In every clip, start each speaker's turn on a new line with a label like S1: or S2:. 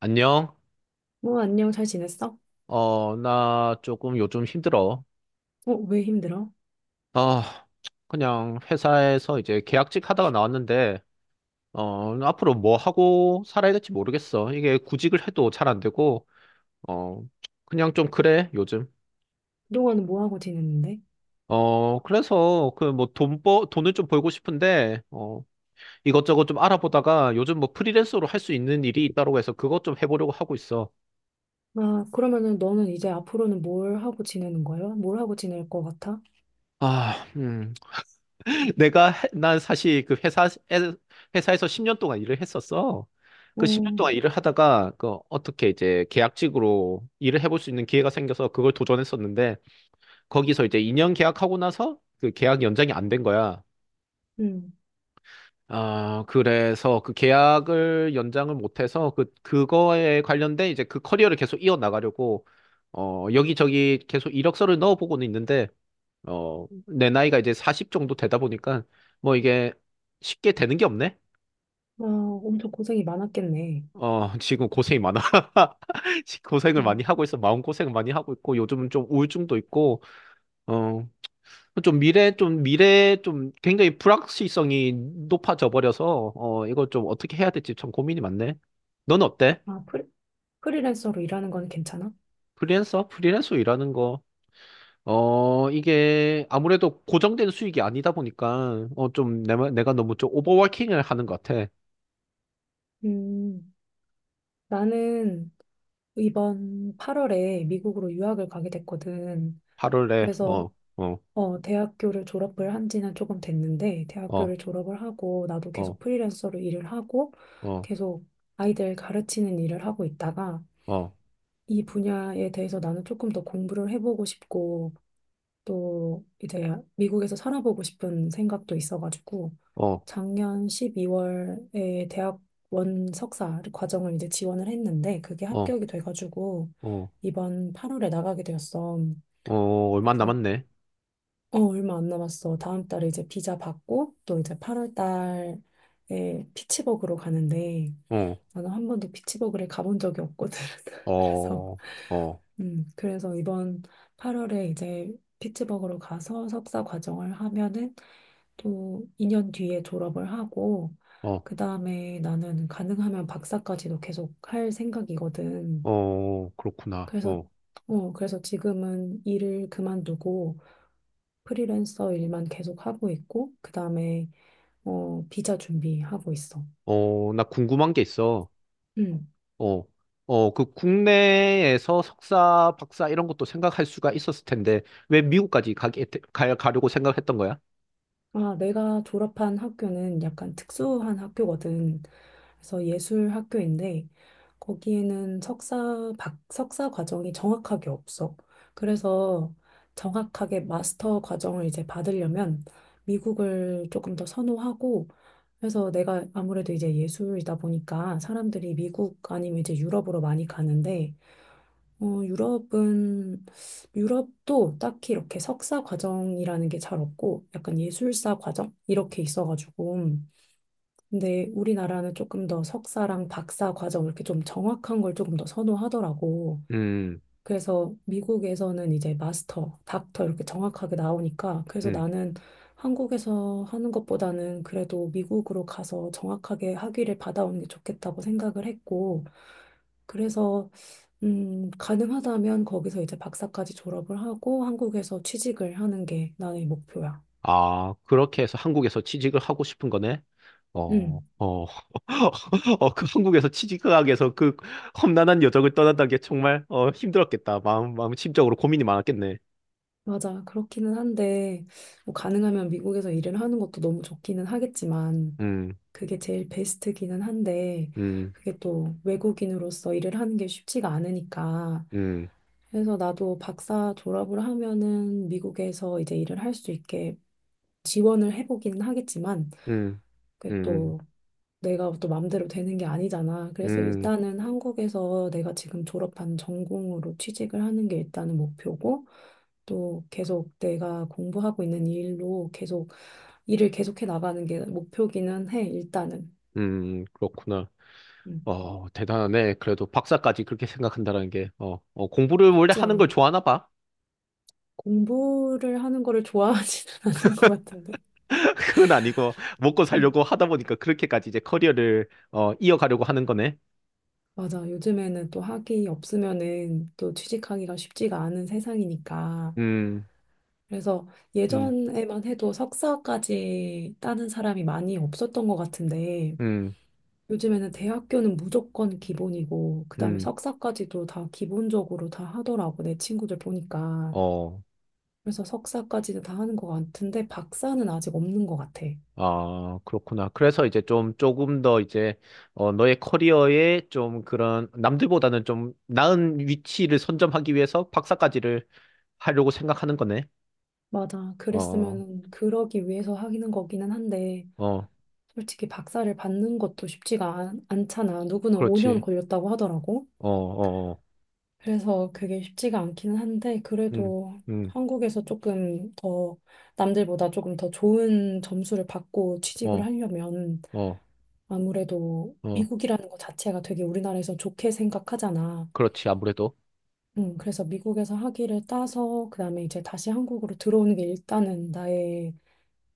S1: 안녕.
S2: 어, 안녕, 잘 지냈어?
S1: 어, 나 조금 요즘 힘들어.
S2: 어, 왜 힘들어?
S1: 아, 그냥 회사에서 이제 계약직 하다가 나왔는데, 어, 앞으로 뭐 하고 살아야 될지 모르겠어. 이게 구직을 해도 잘 안 되고, 어, 그냥 좀 그래, 요즘.
S2: 그동안은 뭐 하고 지냈는데?
S1: 어, 그래서 그 뭐 돈을 좀 벌고 싶은데, 어, 이것저것 좀 알아보다가 요즘 뭐 프리랜서로 할 수 있는 일이 있다고 해서 그것 좀 해보려고 하고 있어.
S2: 아, 그러면은 너는 이제 앞으로는 뭘 하고 지내는 거야? 뭘 하고 지낼 것 같아?
S1: 아, 난 사실 그 회사에서 10년 동안 일을 했었어. 그 10년
S2: 어,
S1: 동안 일을 하다가 그 어떻게 이제 계약직으로 일을 해볼 수 있는 기회가 생겨서 그걸 도전했었는데 거기서 이제 2년 계약하고 나서 그 계약 연장이 안 된 거야.
S2: 음,
S1: 아, 그래서 그 계약을 연장을 못해서 그 그거에 관련된 이제 그 커리어를 계속 이어나가려고 어 여기저기 계속 이력서를 넣어보고는 있는데 어 내 나이가 이제 40 정도 되다 보니까 뭐 이게 쉽게 되는 게 없네.
S2: 아, 엄청 고생이 많았겠네.
S1: 어, 지금 고생이 많아. 지금 고생을
S2: 어,
S1: 많이 하고 있어. 마음고생을 많이 하고 있고, 요즘은 좀 우울증도 있고, 어, 좀 굉장히 불확실성이 높아져 버려서, 어, 이거 좀 어떻게 해야 될지 참 고민이 많네. 넌 어때?
S2: 아, 프리랜서로 일하는 건 괜찮아?
S1: 프리랜서? 프리랜서 일하는 거. 어, 이게 아무래도 고정된 수익이 아니다 보니까, 어, 좀 내가 너무 좀 오버워킹을 하는 것 같아.
S2: 음, 나는 이번 8월에 미국으로 유학을 가게 됐거든.
S1: 하루를 내,
S2: 그래서
S1: 어, 어,
S2: 어, 대학교를 졸업을 한 지는 조금 됐는데,
S1: 어,
S2: 대학교를 졸업을 하고, 나도
S1: 어,
S2: 계속 프리랜서로 일을 하고,
S1: 어,
S2: 계속 아이들 가르치는 일을 하고 있다가,
S1: 어,
S2: 이 분야에 대해서 나는 조금 더 공부를 해보고 싶고, 또 이제 미국에서 살아보고 싶은 생각도 있어가지고,
S1: 어,
S2: 작년 12월에 대학원 석사 과정을 이제 지원을 했는데, 그게
S1: 어,
S2: 합격이 돼가지고,
S1: 어.
S2: 이번 8월에 나가게 되었어.
S1: 어, 얼마 안
S2: 그래서
S1: 남았네.
S2: 어, 얼마 안 남았어. 다음 달에 이제 비자 받고 또 이제 8월 달에 피츠버그로 가는데
S1: 어,
S2: 나는 한 번도 피츠버그를 가본 적이 없거든. 그래서
S1: 어, 어,
S2: 그래서 이번 8월에 이제 피츠버그로 가서 석사 과정을 하면은 또 2년 뒤에 졸업을 하고
S1: 어,
S2: 그다음에 나는 가능하면 박사까지도 계속 할 생각이거든.
S1: 어, 그렇구나.
S2: 그래서
S1: 어,
S2: 어, 그래서 지금은 일을 그만두고 프리랜서 일만 계속 하고 있고, 그 다음에, 어, 비자 준비하고 있어.
S1: 어, 나 궁금한 게 있어.
S2: 음.
S1: 어, 어, 그 국내에서 석사, 박사 이런 것도 생각할 수가 있었을 텐데, 왜 미국까지 가려고 생각했던 거야?
S2: 아, 내가 졸업한 학교는 약간 특수한 학교거든. 그래서 예술 학교인데, 거기에는 석사 과정이 정확하게 없어. 그래서 정확하게 마스터 과정을 이제 받으려면 미국을 조금 더 선호하고, 그래서 내가 아무래도 이제 예술이다 보니까 사람들이 미국 아니면 이제 유럽으로 많이 가는데, 어, 유럽도 딱히 이렇게 석사 과정이라는 게 잘 없고, 약간 예술사 과정? 이렇게 있어가지고. 근데 우리나라는 조금 더 석사랑 박사 과정 이렇게 좀 정확한 걸 조금 더 선호하더라고.
S1: 음,
S2: 그래서 미국에서는 이제 마스터, 닥터 이렇게 정확하게 나오니까 그래서
S1: 음.
S2: 나는 한국에서 하는 것보다는 그래도 미국으로 가서 정확하게 학위를 받아오는 게 좋겠다고 생각을 했고 그래서 가능하다면 거기서 이제 박사까지 졸업을 하고 한국에서 취직을 하는 게 나의 목표야.
S1: 아, 그렇게 해서 한국에서 취직을 하고 싶은 거네? 어,
S2: 음,
S1: 어, 어, 그 한국에서 취직 하기 위해서 그 험난한 여정을 떠난다는 게 정말, 어, 힘들었겠다. 마음 심적으로 고민이 많았겠네.
S2: 맞아. 그렇기는 한데 뭐 가능하면 미국에서 일을 하는 것도 너무 좋기는 하겠지만
S1: 음,
S2: 그게 제일 베스트기는 한데,
S1: 음,
S2: 그게 또 외국인으로서 일을 하는 게 쉽지가 않으니까.
S1: 음,
S2: 그래서 나도 박사 졸업을 하면은 미국에서 이제 일을 할 수 있게 지원을 해보기는 하겠지만,
S1: 음,
S2: 그게
S1: 음,
S2: 또 내가 또 맘대로 되는 게 아니잖아. 그래서
S1: 음,
S2: 일단은 한국에서 내가 지금 졸업한 전공으로 취직을 하는 게 일단은 목표고, 또 계속 내가 공부하고 있는 일로 계속 일을 계속해 나가는 게 목표기는 해, 일단은.
S1: 그렇구나.
S2: 음,
S1: 어, 대단하네. 그래도 박사까지 그렇게 생각한다는 게, 어, 어, 공부를 원래
S2: 쉽지
S1: 하는 걸
S2: 않
S1: 좋아하나 봐.
S2: 공부를 하는 거를 좋아하지는 않는 것 같은데.
S1: 그건 아니고, 먹고
S2: 음,
S1: 살려고 하다 보니까 그렇게까지 이제 커리어를, 어, 이어가려고 하는 거네.
S2: 맞아. 요즘에는 또 학위 없으면은 또 취직하기가 쉽지가 않은 세상이니까.
S1: 음,
S2: 그래서
S1: 음,
S2: 예전에만 해도 석사까지 따는 사람이 많이 없었던 것 같은데
S1: 음,
S2: 요즘에는 대학교는 무조건 기본이고 그다음에
S1: 음,
S2: 석사까지도 다 기본적으로 다 하더라고. 내 친구들 보니까.
S1: 어,
S2: 그래서 석사까지는 다 하는 것 같은데 박사는 아직 없는 것 같아.
S1: 아, 그렇구나. 그래서 이제 좀, 조금 더 이제, 어, 너의 커리어에 좀 그런, 남들보다는 좀 나은 위치를 선점하기 위해서 박사까지를 하려고 생각하는 거네.
S2: 맞아.
S1: 어,
S2: 그랬으면 그러기 위해서 하기는 거기는 한데,
S1: 어, 어.
S2: 솔직히 박사를 받는 것도 않잖아. 누구는 5년
S1: 그렇지.
S2: 걸렸다고 하더라고.
S1: 어, 어, 어,
S2: 그래서 그게 쉽지가 않기는 한데,
S1: 음,
S2: 그래도
S1: 음,
S2: 한국에서 조금 더, 남들보다 조금 더 좋은 점수를 받고 취직을
S1: 어,
S2: 하려면,
S1: 어,
S2: 아무래도
S1: 어,
S2: 미국이라는 것 자체가 되게 우리나라에서 좋게 생각하잖아.
S1: 그렇지. 아무래도,
S2: 그래서 미국에서 학위를 따서, 그 다음에 이제 다시 한국으로 들어오는 게 일단은 나의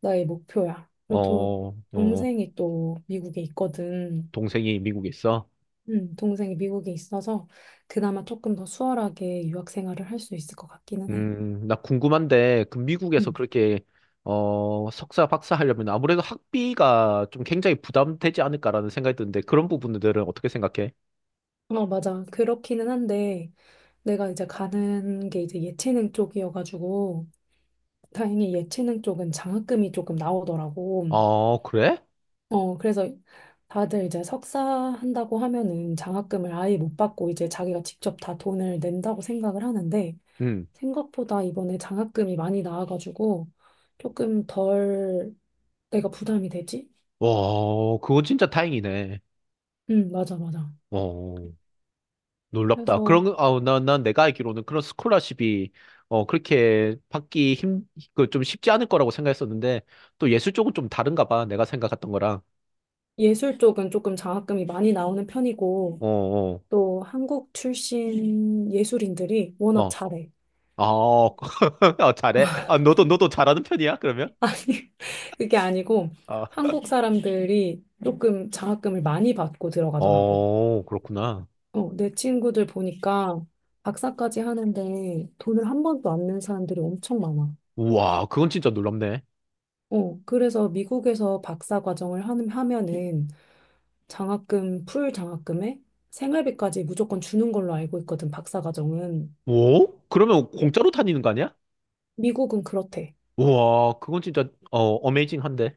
S2: 나의 목표야.
S1: 어, 어, 어.
S2: 동생이 또 미국에 있거든.
S1: 동생이 미국에 있어.
S2: 동생이 미국에 있어서 그나마 조금 더 수월하게 유학 생활을 할 수 있을 것 같기는 해.
S1: 나 궁금한데, 그 미국에서
S2: 음.
S1: 그렇게, 어, 석사, 박사 하려면 아무래도 학비가 좀 굉장히 부담되지 않을까라는 생각이 드는데, 그런 부분들은 어떻게 생각해?
S2: 어, 맞아. 그렇기는 한데 내가 이제 가는 게 이제 예체능 쪽이어가지고 다행히 예체능 쪽은 장학금이 조금 나오더라고.
S1: 어, 그래?
S2: 어, 그래서 다들 이제 석사 한다고 하면은 장학금을 아예 못 받고 이제 자기가 직접 다 돈을 낸다고 생각을 하는데
S1: 음,
S2: 생각보다 이번에 장학금이 많이 나와가지고 조금 덜 내가 부담이 되지?
S1: 와, 그거 진짜 다행이네.
S2: 응, 맞아, 맞아.
S1: 어, 놀랍다.
S2: 그래서
S1: 그런, 아, 난 내가 알기로는 그런 스콜라십이, 어, 그 좀 쉽지 않을 거라고 생각했었는데, 또 예술 쪽은 좀 다른가 봐. 내가 생각했던 거랑.
S2: 예술 쪽은 조금 장학금이 많이 나오는 편이고
S1: 어, 어,
S2: 또 한국 출신 예술인들이 워낙
S1: 어.
S2: 잘해.
S1: 어, 아, 잘해. 아, 너도 잘하는 편이야, 그러면?
S2: 아니, 그게 아니고
S1: 아,
S2: 한국 사람들이 조금 장학금을 많이 받고 들어가더라고.
S1: 어, 그렇구나.
S2: 어, 내 친구들 보니까 박사까지 하는데 돈을 한 번도 안 낸 사람들이 엄청 많아.
S1: 우와, 그건 진짜 놀랍네.
S2: 어, 그래서 미국에서 하면은 장학금, 풀 장학금에 생활비까지 무조건 주는 걸로 알고 있거든, 박사 과정은.
S1: 오? 그러면 공짜로 다니는 거 아니야?
S2: 미국은 그렇대.
S1: 우와, 그건 진짜, 어, 어메이징한데.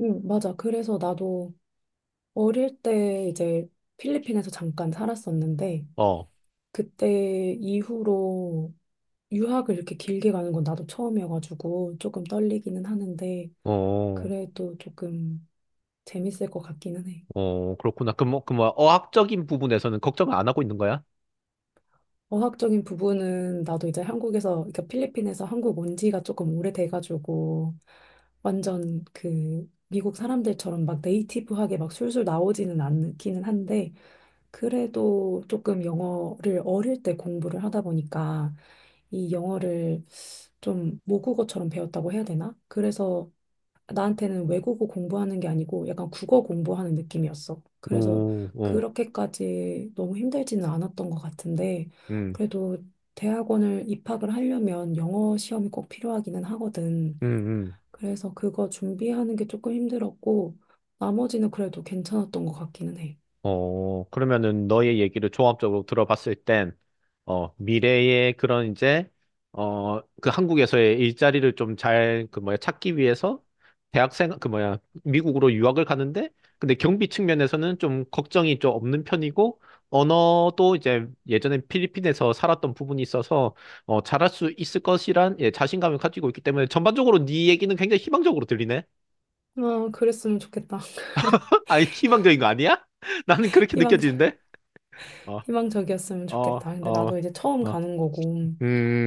S2: 응, 맞아. 그래서 나도 어릴 때 이제 필리핀에서 잠깐 살았었는데,
S1: 어,
S2: 그때 이후로 유학을 이렇게 길게 가는 건 나도 처음이어가지고 조금 떨리기는 하는데,
S1: 어,
S2: 그래도 조금 재밌을 것 같기는 해.
S1: 어, 그렇구나. 그, 뭐, 그, 뭐, 어학적인 부분에서는 걱정을 안 하고 있는 거야?
S2: 어학적인 부분은 나도 이제 한국에서, 그러니까 필리핀에서 한국 온 지가 조금 오래돼가지고 완전 그 미국 사람들처럼 막 네이티브하게 막 술술 나오지는 않기는 한데 그래도 조금 영어를 어릴 때 공부를 하다 보니까 이 영어를 좀 모국어처럼 배웠다고 해야 되나? 그래서 나한테는 외국어 공부하는 게 아니고 약간 국어 공부하는 느낌이었어. 그래서
S1: 오, 오,
S2: 그렇게까지 너무 힘들지는 않았던 것 같은데,
S1: 음,
S2: 그래도 대학원을 입학을 하려면 영어 시험이 꼭 필요하기는 하거든.
S1: 음, 음.
S2: 그래서 그거 준비하는 게 조금 힘들었고, 나머지는 그래도 괜찮았던 것 같기는 해.
S1: 어, 그러면은 너의 얘기를 종합적으로 들어봤을 땐, 어, 미래의 그런 이제, 어, 그 한국에서의 일자리를 좀 잘, 그 뭐야, 찾기 위해서 대학생, 그 뭐야, 미국으로 유학을 가는데, 근데 경비 측면에서는 좀 걱정이 좀 없는 편이고, 언어도 이제 예전에 필리핀에서 살았던 부분이 있어서, 어, 잘할 수 있을 것이란, 예, 자신감을 가지고 있기 때문에 전반적으로 네 얘기는 굉장히 희망적으로 들리네.
S2: 아, 그랬으면 좋겠다.
S1: 아니, 희망적인 거 아니야? 나는 그렇게
S2: 이왕
S1: 느껴지는데? 어,
S2: 희망적이었으면
S1: 어,
S2: 좋겠다. 근데 나도
S1: 어,
S2: 이제 처음
S1: 어,
S2: 가는 거고.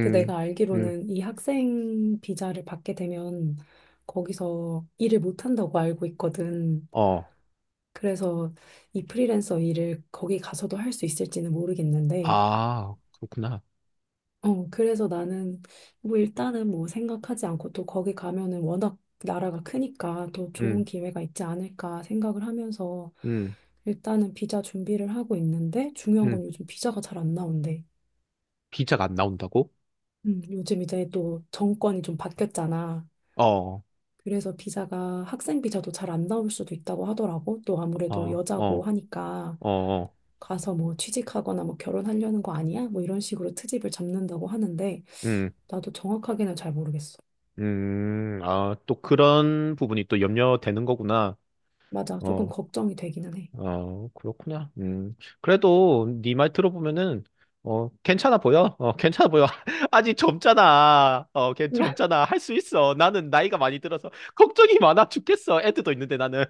S2: 근데 내가
S1: 음,
S2: 알기로는 이 학생 비자를 받게 되면 거기서 일을 못 한다고 알고 있거든.
S1: 어.
S2: 그래서 이 프리랜서 일을 거기 가서도 할 수 있을지는 모르겠는데.
S1: 아, 그렇구나.
S2: 어, 그래서 나는 뭐 일단은 뭐 생각하지 않고 또 거기 가면은 워낙 나라가 크니까 또 좋은
S1: 음,
S2: 기회가 있지 않을까 생각을 하면서
S1: 음,
S2: 일단은 비자 준비를 하고 있는데 중요한
S1: 음.
S2: 건 요즘 비자가 잘 안 나온대.
S1: 비자가 안 나온다고?
S2: 요즘 이제 또 정권이 좀 바뀌었잖아.
S1: 어,
S2: 그래서 비자가 학생 비자도 잘 안 나올 수도 있다고 하더라고. 또 아무래도
S1: 어,
S2: 여자고
S1: 어,
S2: 하니까
S1: 어, 어.
S2: 가서 뭐 취직하거나 뭐 결혼하려는 거 아니야? 뭐 이런 식으로 트집을 잡는다고 하는데
S1: 음,
S2: 나도 정확하게는 잘 모르겠어.
S1: 아, 또 그런 부분이 또 염려되는 거구나.
S2: 맞아. 조금
S1: 어,
S2: 걱정이 되기는 해.
S1: 어, 그렇구나. 음. 그래도 네 말 들어보면은 어, 괜찮아 보여. 어, 괜찮아 보여. 아직 젊잖아. 어, 걔 젊잖아. 할 수 있어. 나는 나이가 많이 들어서 걱정이 많아 죽겠어. 애들도 있는데 나는.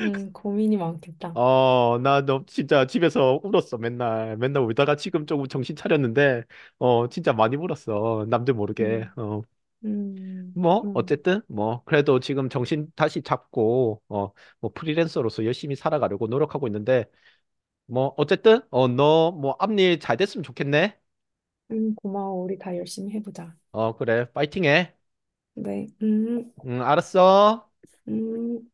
S2: 고민이 많겠다.
S1: 어, 나 너 진짜 집에서 울었어. 맨날. 맨날 울다가 지금 조금 정신 차렸는데 어, 진짜 많이 울었어. 남들 모르게.
S2: 음,
S1: 어. 뭐
S2: 그럼.
S1: 어쨌든 뭐 그래도 지금 정신 다시 잡고 어, 뭐 프리랜서로서 열심히 살아가려고 노력하고 있는데 뭐 어쨌든 어 너 뭐 앞일 잘 됐으면 좋겠네.
S2: 고마워. 우리 다 열심히 해보자.
S1: 어 그래 파이팅해.
S2: 네,
S1: 응 알았어.
S2: 음.